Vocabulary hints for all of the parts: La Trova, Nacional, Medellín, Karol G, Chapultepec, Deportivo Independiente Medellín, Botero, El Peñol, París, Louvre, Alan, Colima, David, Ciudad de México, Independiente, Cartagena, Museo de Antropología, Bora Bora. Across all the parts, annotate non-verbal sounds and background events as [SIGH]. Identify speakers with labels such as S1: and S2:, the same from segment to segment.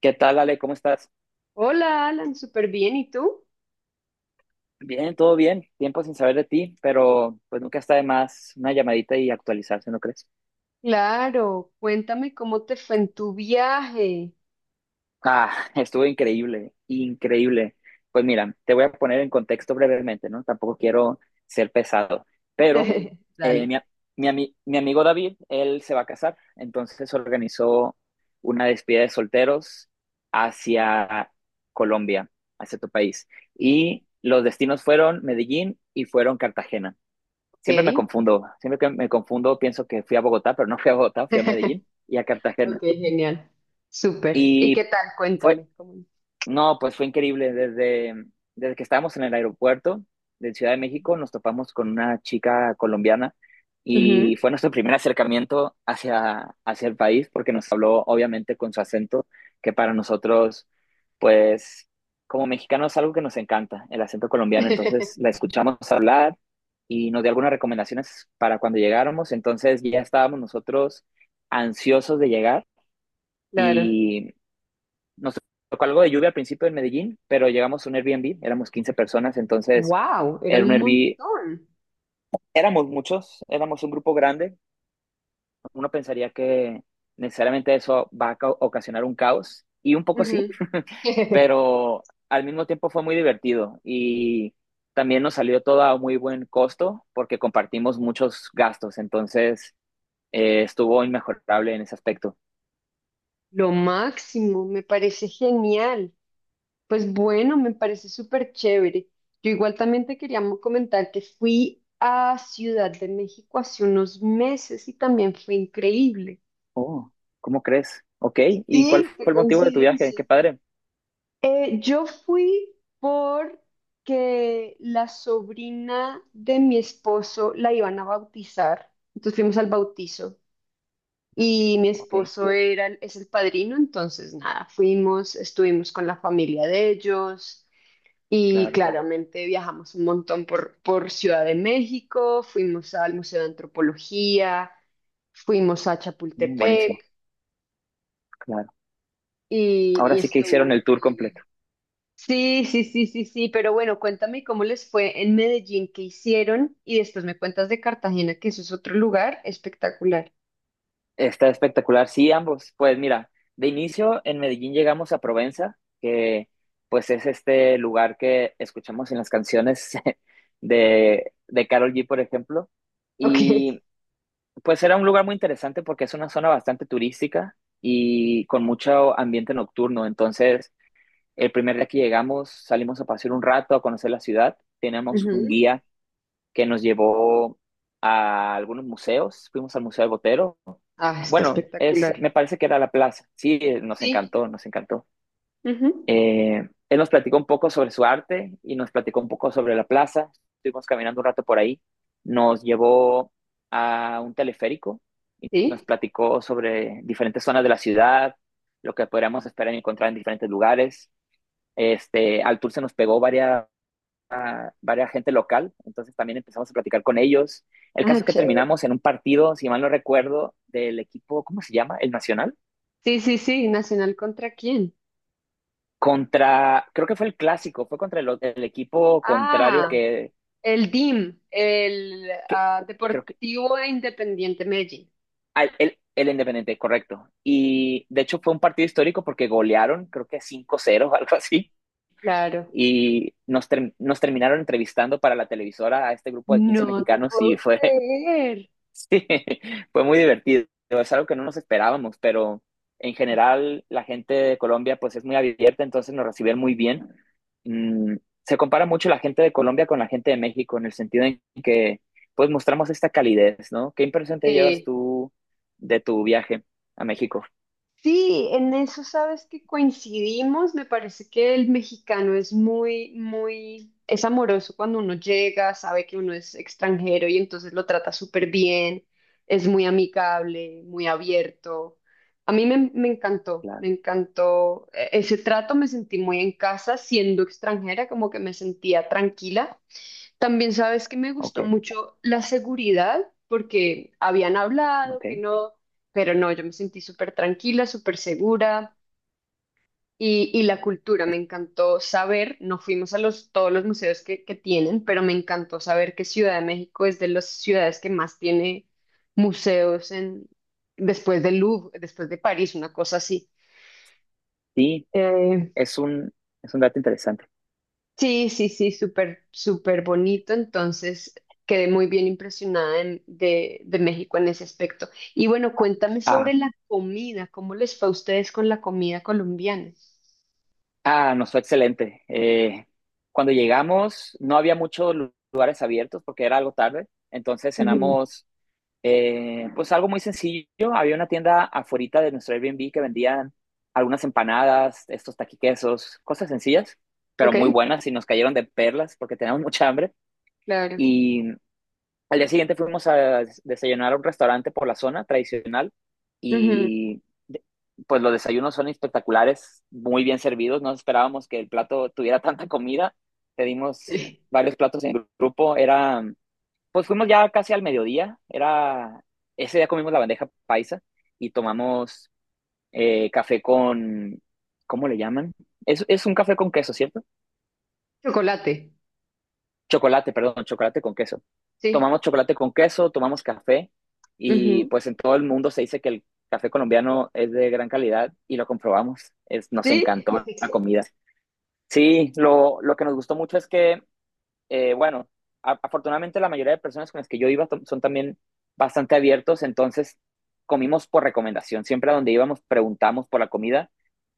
S1: ¿Qué tal, Ale? ¿Cómo estás?
S2: Hola, Alan, súper bien. ¿Y tú?
S1: Bien, todo bien. Tiempo sin saber de ti, pero pues nunca está de más una llamadita y actualizarse, ¿no crees?
S2: Claro, cuéntame cómo te fue en tu viaje.
S1: Ah, [LAUGHS] estuvo increíble, increíble. Pues mira, te voy a poner en contexto brevemente, ¿no? Tampoco quiero ser pesado, pero
S2: [LAUGHS]
S1: eh,
S2: Dale.
S1: mi, a- mi amigo David, él se va a casar, entonces organizó una despedida de solteros hacia Colombia, hacia tu país. Y los destinos fueron Medellín y fueron Cartagena.
S2: Ok.
S1: Siempre me confundo, siempre que me confundo pienso que fui a Bogotá, pero no fui a Bogotá, fui a
S2: [LAUGHS]
S1: Medellín y a
S2: Ok,
S1: Cartagena.
S2: genial. Súper. ¿Y qué
S1: Y
S2: tal?
S1: fue
S2: Cuéntame
S1: No, pues fue increíble. Desde que estábamos en el aeropuerto de Ciudad de México, nos topamos con una chica colombiana
S2: Ujú.
S1: y fue nuestro primer acercamiento hacia el país porque nos habló obviamente con su acento, que para nosotros, pues como mexicanos es algo que nos encanta, el acento colombiano. Entonces la
S2: [LAUGHS]
S1: escuchamos hablar y nos dio algunas recomendaciones para cuando llegáramos. Entonces ya estábamos nosotros ansiosos de llegar.
S2: Claro.
S1: Y nos tocó algo de lluvia al principio en Medellín, pero llegamos a un Airbnb, éramos 15 personas, entonces
S2: Wow,
S1: era
S2: eran
S1: un
S2: un
S1: Airbnb,
S2: montón.
S1: éramos muchos, éramos un grupo grande, uno pensaría que necesariamente eso va a ocasionar un caos, y un poco sí,
S2: Ujú.
S1: [LAUGHS]
S2: [LAUGHS]
S1: pero al mismo tiempo fue muy divertido y también nos salió todo a muy buen costo porque compartimos muchos gastos, entonces estuvo inmejorable en ese aspecto.
S2: Lo máximo, me parece genial. Pues bueno, me parece súper chévere. Yo igual también te quería comentar que fui a Ciudad de México hace unos meses y también fue increíble.
S1: Oh, ¿cómo crees? Ok, ¿y cuál
S2: Sí, qué
S1: fue el motivo de tu viaje?
S2: coincidencia.
S1: Qué padre.
S2: Yo fui porque la sobrina de mi esposo la iban a bautizar, entonces fuimos al bautizo y mi
S1: Ok.
S2: esposo era, es el padrino, entonces nada, fuimos, estuvimos con la familia de ellos. Y
S1: Claro.
S2: claramente viajamos un montón por Ciudad de México, fuimos al Museo de Antropología, fuimos a
S1: Mm, buenísimo,
S2: Chapultepec
S1: claro. Ahora
S2: y
S1: sí que hicieron
S2: estuvo
S1: el tour
S2: increíble.
S1: completo.
S2: Sí, sí, sí, sí, sí, pero bueno, cuéntame cómo les fue en Medellín, qué hicieron y después me cuentas de Cartagena, que eso es otro lugar espectacular.
S1: Está espectacular, sí, ambos. Pues mira, de inicio en Medellín llegamos a Provenza, que pues es este lugar que escuchamos en las canciones [LAUGHS] de Karol G, por ejemplo.
S2: [LAUGHS] Ok.
S1: Y pues era un lugar muy interesante porque es una zona bastante turística y con mucho ambiente nocturno. Entonces, el primer día que llegamos, salimos a pasear un rato, a conocer la ciudad. Teníamos un
S2: Ujú.
S1: guía que nos llevó a algunos museos, fuimos al Museo del Botero.
S2: Ah, está
S1: Bueno, es,
S2: espectacular.
S1: me parece que era la plaza. Sí, nos
S2: Sí.
S1: encantó, nos encantó.
S2: Ujú.
S1: Él nos platicó un poco sobre su arte y nos platicó un poco sobre la plaza. Estuvimos caminando un rato por ahí. Nos llevó a un teleférico y nos
S2: Sí.
S1: platicó sobre diferentes zonas de la ciudad, lo que podríamos esperar encontrar en diferentes lugares. Este, al tour se nos pegó varias gente local, entonces también empezamos a platicar con ellos. El
S2: Ah,
S1: caso es que
S2: chévere.
S1: terminamos en un partido, si mal no recuerdo, del equipo, ¿cómo se llama? El Nacional,
S2: Sí, sí, sí, ¿Nacional contra quién?
S1: contra, creo que fue el clásico, fue contra el equipo contrario
S2: Ah, el DIM,
S1: que creo que,
S2: Deportivo Independiente Medellín.
S1: el Independiente, correcto. Y de hecho fue un partido histórico porque golearon, creo que cinco 0 o [LAUGHS] algo así.
S2: Claro.
S1: Y nos terminaron entrevistando para la televisora a este grupo de 15
S2: ¡No te
S1: mexicanos. Y
S2: puedo
S1: fue
S2: creer!
S1: Sí, [LAUGHS] fue muy divertido. Es algo que no nos esperábamos, pero en general la gente de Colombia pues es muy abierta, entonces nos recibieron muy bien. Mm, Se compara mucho la gente de Colombia con la gente de México en el sentido en que pues mostramos esta calidez, ¿no? ¿Qué impresión te llevas
S2: Sí.
S1: tú de tu viaje a México?
S2: Sí, en eso sabes que coincidimos. Me parece que el mexicano es muy, muy, es amoroso cuando uno llega, sabe que uno es extranjero y entonces lo trata súper bien. Es muy amigable, muy abierto. A mí me
S1: Claro,
S2: encantó ese trato. Me sentí muy en casa siendo extranjera, como que me sentía tranquila. También sabes que me
S1: ok,
S2: gustó mucho la seguridad, porque habían hablado
S1: ok.
S2: que no, pero no, yo me sentí súper tranquila, súper segura y la cultura, me encantó saber, no fuimos a los, todos los museos que tienen, pero me encantó saber que Ciudad de México es de las ciudades que más tiene museos después de Louvre, después de París, una cosa así.
S1: Sí,
S2: Eh,
S1: es un, es un dato interesante.
S2: Sí, sí, sí, súper, súper bonito. Entonces, quedé muy bien impresionada de México en ese aspecto. Y bueno, cuéntame
S1: Ah,
S2: sobre la comida. ¿Cómo les fue a ustedes con la comida colombiana?
S1: Ah, nos fue excelente. Cuando llegamos no había muchos lugares abiertos porque era algo tarde, entonces
S2: Ujú.
S1: cenamos pues algo muy sencillo. Había una tienda afuera de nuestro Airbnb que vendían algunas empanadas, estos taquiquesos, cosas sencillas, pero muy
S2: Ok,
S1: buenas y nos cayeron de perlas porque teníamos mucha hambre.
S2: claro.
S1: Al día siguiente fuimos a desayunar a un restaurante por la zona tradicional
S2: Ujú.
S1: y pues los desayunos son espectaculares, muy bien servidos. No esperábamos que el plato tuviera tanta comida. Pedimos
S2: Sí.
S1: varios platos en grupo. Pues fuimos ya casi al mediodía. Ese día comimos la bandeja paisa y tomamos café con, ¿cómo le llaman? Es un café con queso, ¿cierto?
S2: Chocolate,
S1: Chocolate, perdón, chocolate con queso.
S2: sí.
S1: Tomamos chocolate con queso, tomamos café y
S2: Ujú.
S1: pues en todo el mundo se dice que el café colombiano es de gran calidad y lo comprobamos. Nos
S2: Sí.
S1: encantó la
S2: [LAUGHS]
S1: comida. Sí, lo que nos gustó mucho es que bueno, afortunadamente la mayoría de personas con las que yo iba son también bastante abiertos, entonces comimos por recomendación. Siempre a donde íbamos preguntamos por la comida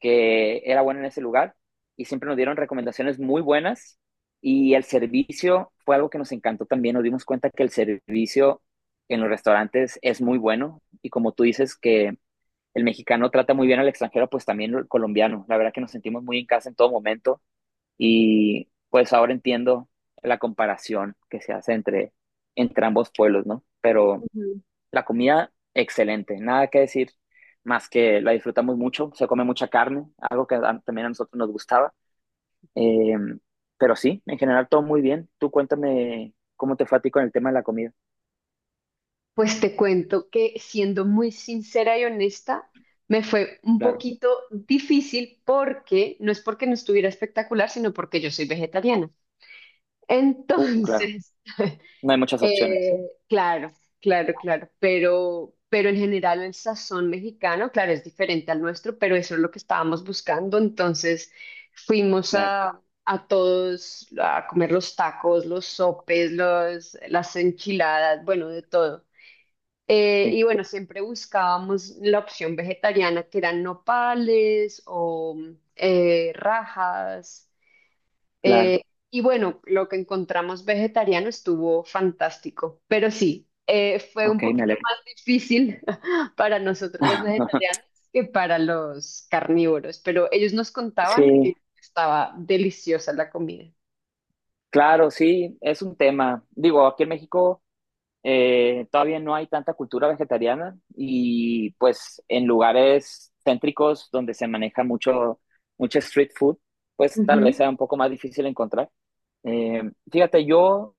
S1: que era buena en ese lugar y siempre nos dieron recomendaciones muy buenas y el servicio fue algo que nos encantó también. Nos dimos cuenta que el servicio en los restaurantes es muy bueno y como tú dices que el mexicano trata muy bien al extranjero, pues también el colombiano. La verdad que nos sentimos muy en casa en todo momento y pues ahora entiendo la comparación que se hace entre ambos pueblos, ¿no? Pero
S2: Ujú.
S1: la comida, excelente, nada que decir más que la disfrutamos mucho, se come mucha carne, algo que también a nosotros nos gustaba. Eh, pero sí, en general todo muy bien. Tú cuéntame cómo te fue a ti con el tema de la comida.
S2: Pues te cuento que siendo muy sincera y honesta, me fue un
S1: Claro,
S2: poquito difícil porque no es porque no estuviera espectacular, sino porque yo soy vegetariana.
S1: claro,
S2: Entonces, [LAUGHS]
S1: no hay muchas opciones.
S2: claro, claro, claro, pero en general el sazón mexicano, claro, es diferente al nuestro, pero eso es lo que estábamos buscando. Entonces fuimos
S1: Claro,
S2: a todos a comer los tacos, los sopes, las enchiladas, bueno, de todo.
S1: sí,
S2: Y bueno, siempre buscábamos la opción vegetariana, que eran nopales o rajas.
S1: claro,
S2: eh, y bueno, lo que encontramos vegetariano estuvo fantástico, pero sí, fue un
S1: ok, me
S2: poquito
S1: alegro.
S2: más difícil [LAUGHS] para nosotros los
S1: [LAUGHS]
S2: vegetarianos que para los carnívoros, pero ellos nos contaban
S1: Sí,
S2: que estaba deliciosa la comida.
S1: claro, sí, es un tema. Digo, aquí en México. Todavía no hay tanta cultura vegetariana y pues en lugares céntricos donde se maneja mucho street food, pues tal
S2: Ujú.
S1: vez sea un poco más difícil encontrar. Eh, Fíjate, yo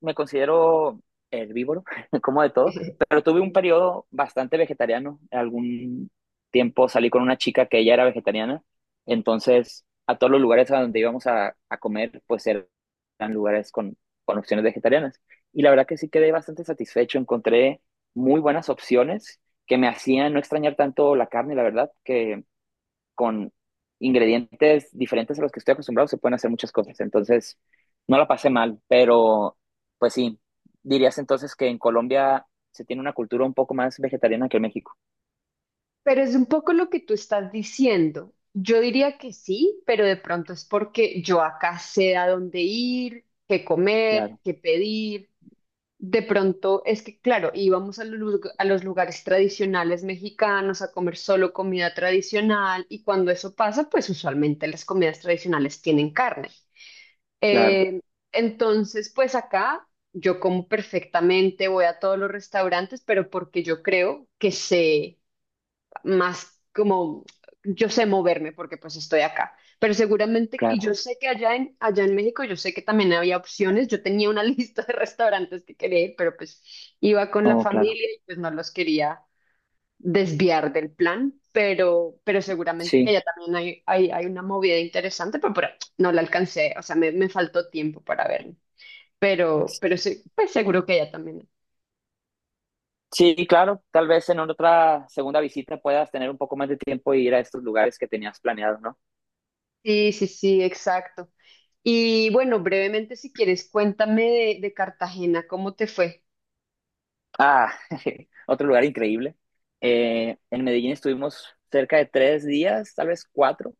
S1: me considero herbívoro, [LAUGHS] como de todo, pero
S2: [LAUGHS]
S1: tuve un periodo bastante vegetariano. Algún tiempo salí con una chica que ella era vegetariana, entonces a todos los lugares a donde íbamos a comer, pues eran lugares con opciones vegetarianas. Y la verdad que sí quedé bastante satisfecho, encontré muy buenas opciones que me hacían no extrañar tanto la carne, la verdad, que con ingredientes diferentes a los que estoy acostumbrado, se pueden hacer muchas cosas. Entonces, no la pasé mal, pero pues sí, dirías entonces que en Colombia se tiene una cultura un poco más vegetariana que en México.
S2: Pero es un poco lo que tú estás diciendo. Yo diría que sí, pero de pronto es porque yo acá sé a dónde ir, qué comer,
S1: Claro,
S2: qué pedir. De pronto, es que claro, íbamos a los, a los lugares tradicionales mexicanos a comer solo comida tradicional y cuando eso pasa, pues usualmente las comidas tradicionales tienen carne.
S1: claro,
S2: Eh, entonces, pues acá yo como perfectamente, voy a todos los restaurantes, pero porque yo creo que sé más como yo sé moverme porque pues estoy acá. Pero seguramente, y yo
S1: claro.
S2: sé que allá en México, yo sé que también había opciones. Yo tenía una [LAUGHS] lista de restaurantes que quería ir, pero pues iba con la
S1: Oh, claro.
S2: familia y pues no los quería desviar del plan. Pero seguramente que
S1: Sí.
S2: allá también hay una movida interesante, pero no la alcancé. O sea, me faltó tiempo para verlo. Pero sí, pues seguro que allá también.
S1: Sí, claro, tal vez en otra segunda visita puedas tener un poco más de tiempo y ir a estos lugares que tenías planeado, ¿no?
S2: Sí, sí, sí, exacto. Y bueno, brevemente, si quieres, cuéntame de Cartagena, ¿cómo te fue?
S1: Ah, [LAUGHS] otro lugar increíble. En Medellín estuvimos cerca de 3 días, tal vez 4,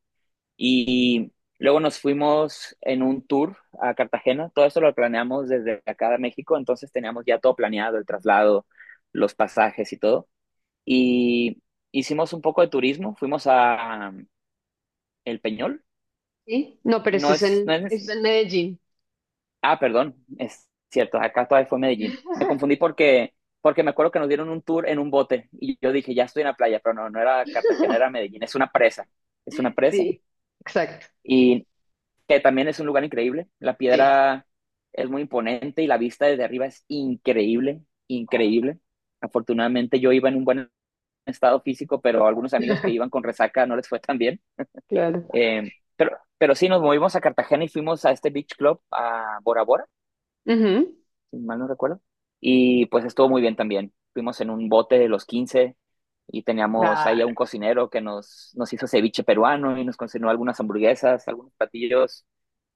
S1: y luego nos fuimos en un tour a Cartagena. Todo eso lo planeamos desde acá de México, entonces teníamos ya todo planeado, el traslado, los pasajes y todo. Y hicimos un poco de turismo, fuimos a El Peñol.
S2: ¿Sí? No, pero ese
S1: No es, no es,
S2: ese es en Medellín.
S1: ah, perdón, es cierto, acá todavía fue Medellín. Me
S2: [LAUGHS]
S1: confundí porque, porque me acuerdo que nos dieron un tour en un bote y yo dije, ya estoy en la playa, pero no, no era Cartagena, era Medellín, es una presa, es una presa.
S2: Sí, exacto.
S1: Y que también es un lugar increíble. La
S2: Sí,
S1: piedra es muy imponente y la vista desde arriba es increíble, increíble. Afortunadamente yo iba en un buen estado físico, pero algunos amigos que iban
S2: [LAUGHS]
S1: con resaca no les fue tan bien.
S2: claro.
S1: Pero sí, nos movimos a Cartagena y fuimos a este beach club, a Bora Bora,
S2: Ujú.
S1: si mal no recuerdo. Y pues estuvo muy bien también. Fuimos en un bote de los 15 y teníamos ahí a
S2: Claro.
S1: un cocinero que nos hizo ceviche peruano y nos cocinó algunas hamburguesas, algunos platillos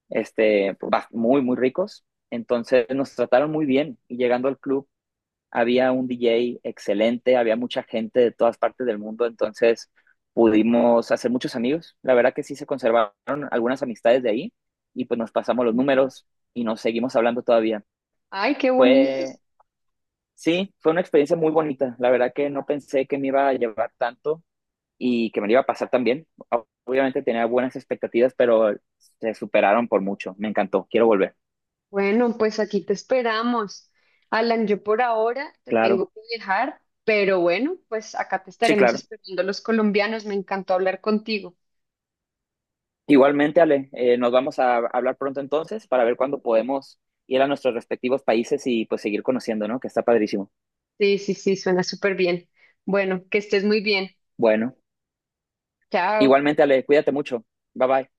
S1: este, muy, muy ricos. Entonces nos trataron muy bien y llegando al club había un DJ excelente, había mucha gente de todas partes del mundo, entonces pudimos hacer muchos amigos. La verdad que sí se conservaron algunas amistades de ahí y pues nos pasamos los números y nos seguimos hablando todavía.
S2: Ay, qué bonito.
S1: Fue, sí, fue una experiencia muy bonita. La verdad que no pensé que me iba a llevar tanto y que me lo iba a pasar tan bien. Obviamente tenía buenas expectativas, pero se superaron por mucho. Me encantó, quiero volver.
S2: Bueno, pues aquí te esperamos. Alan, yo por ahora te
S1: Claro.
S2: tengo que dejar, pero bueno, pues acá te
S1: Sí,
S2: estaremos
S1: claro.
S2: esperando los colombianos. Me encantó hablar contigo.
S1: Igualmente, Ale, nos vamos a hablar pronto entonces para ver cuándo podemos ir a nuestros respectivos países y pues seguir conociendo, ¿no? Que está padrísimo.
S2: Sí, sí, sí, suena súper bien. Bueno, que estés muy bien.
S1: Bueno,
S2: Chao.
S1: igualmente, Ale, cuídate mucho. Bye bye.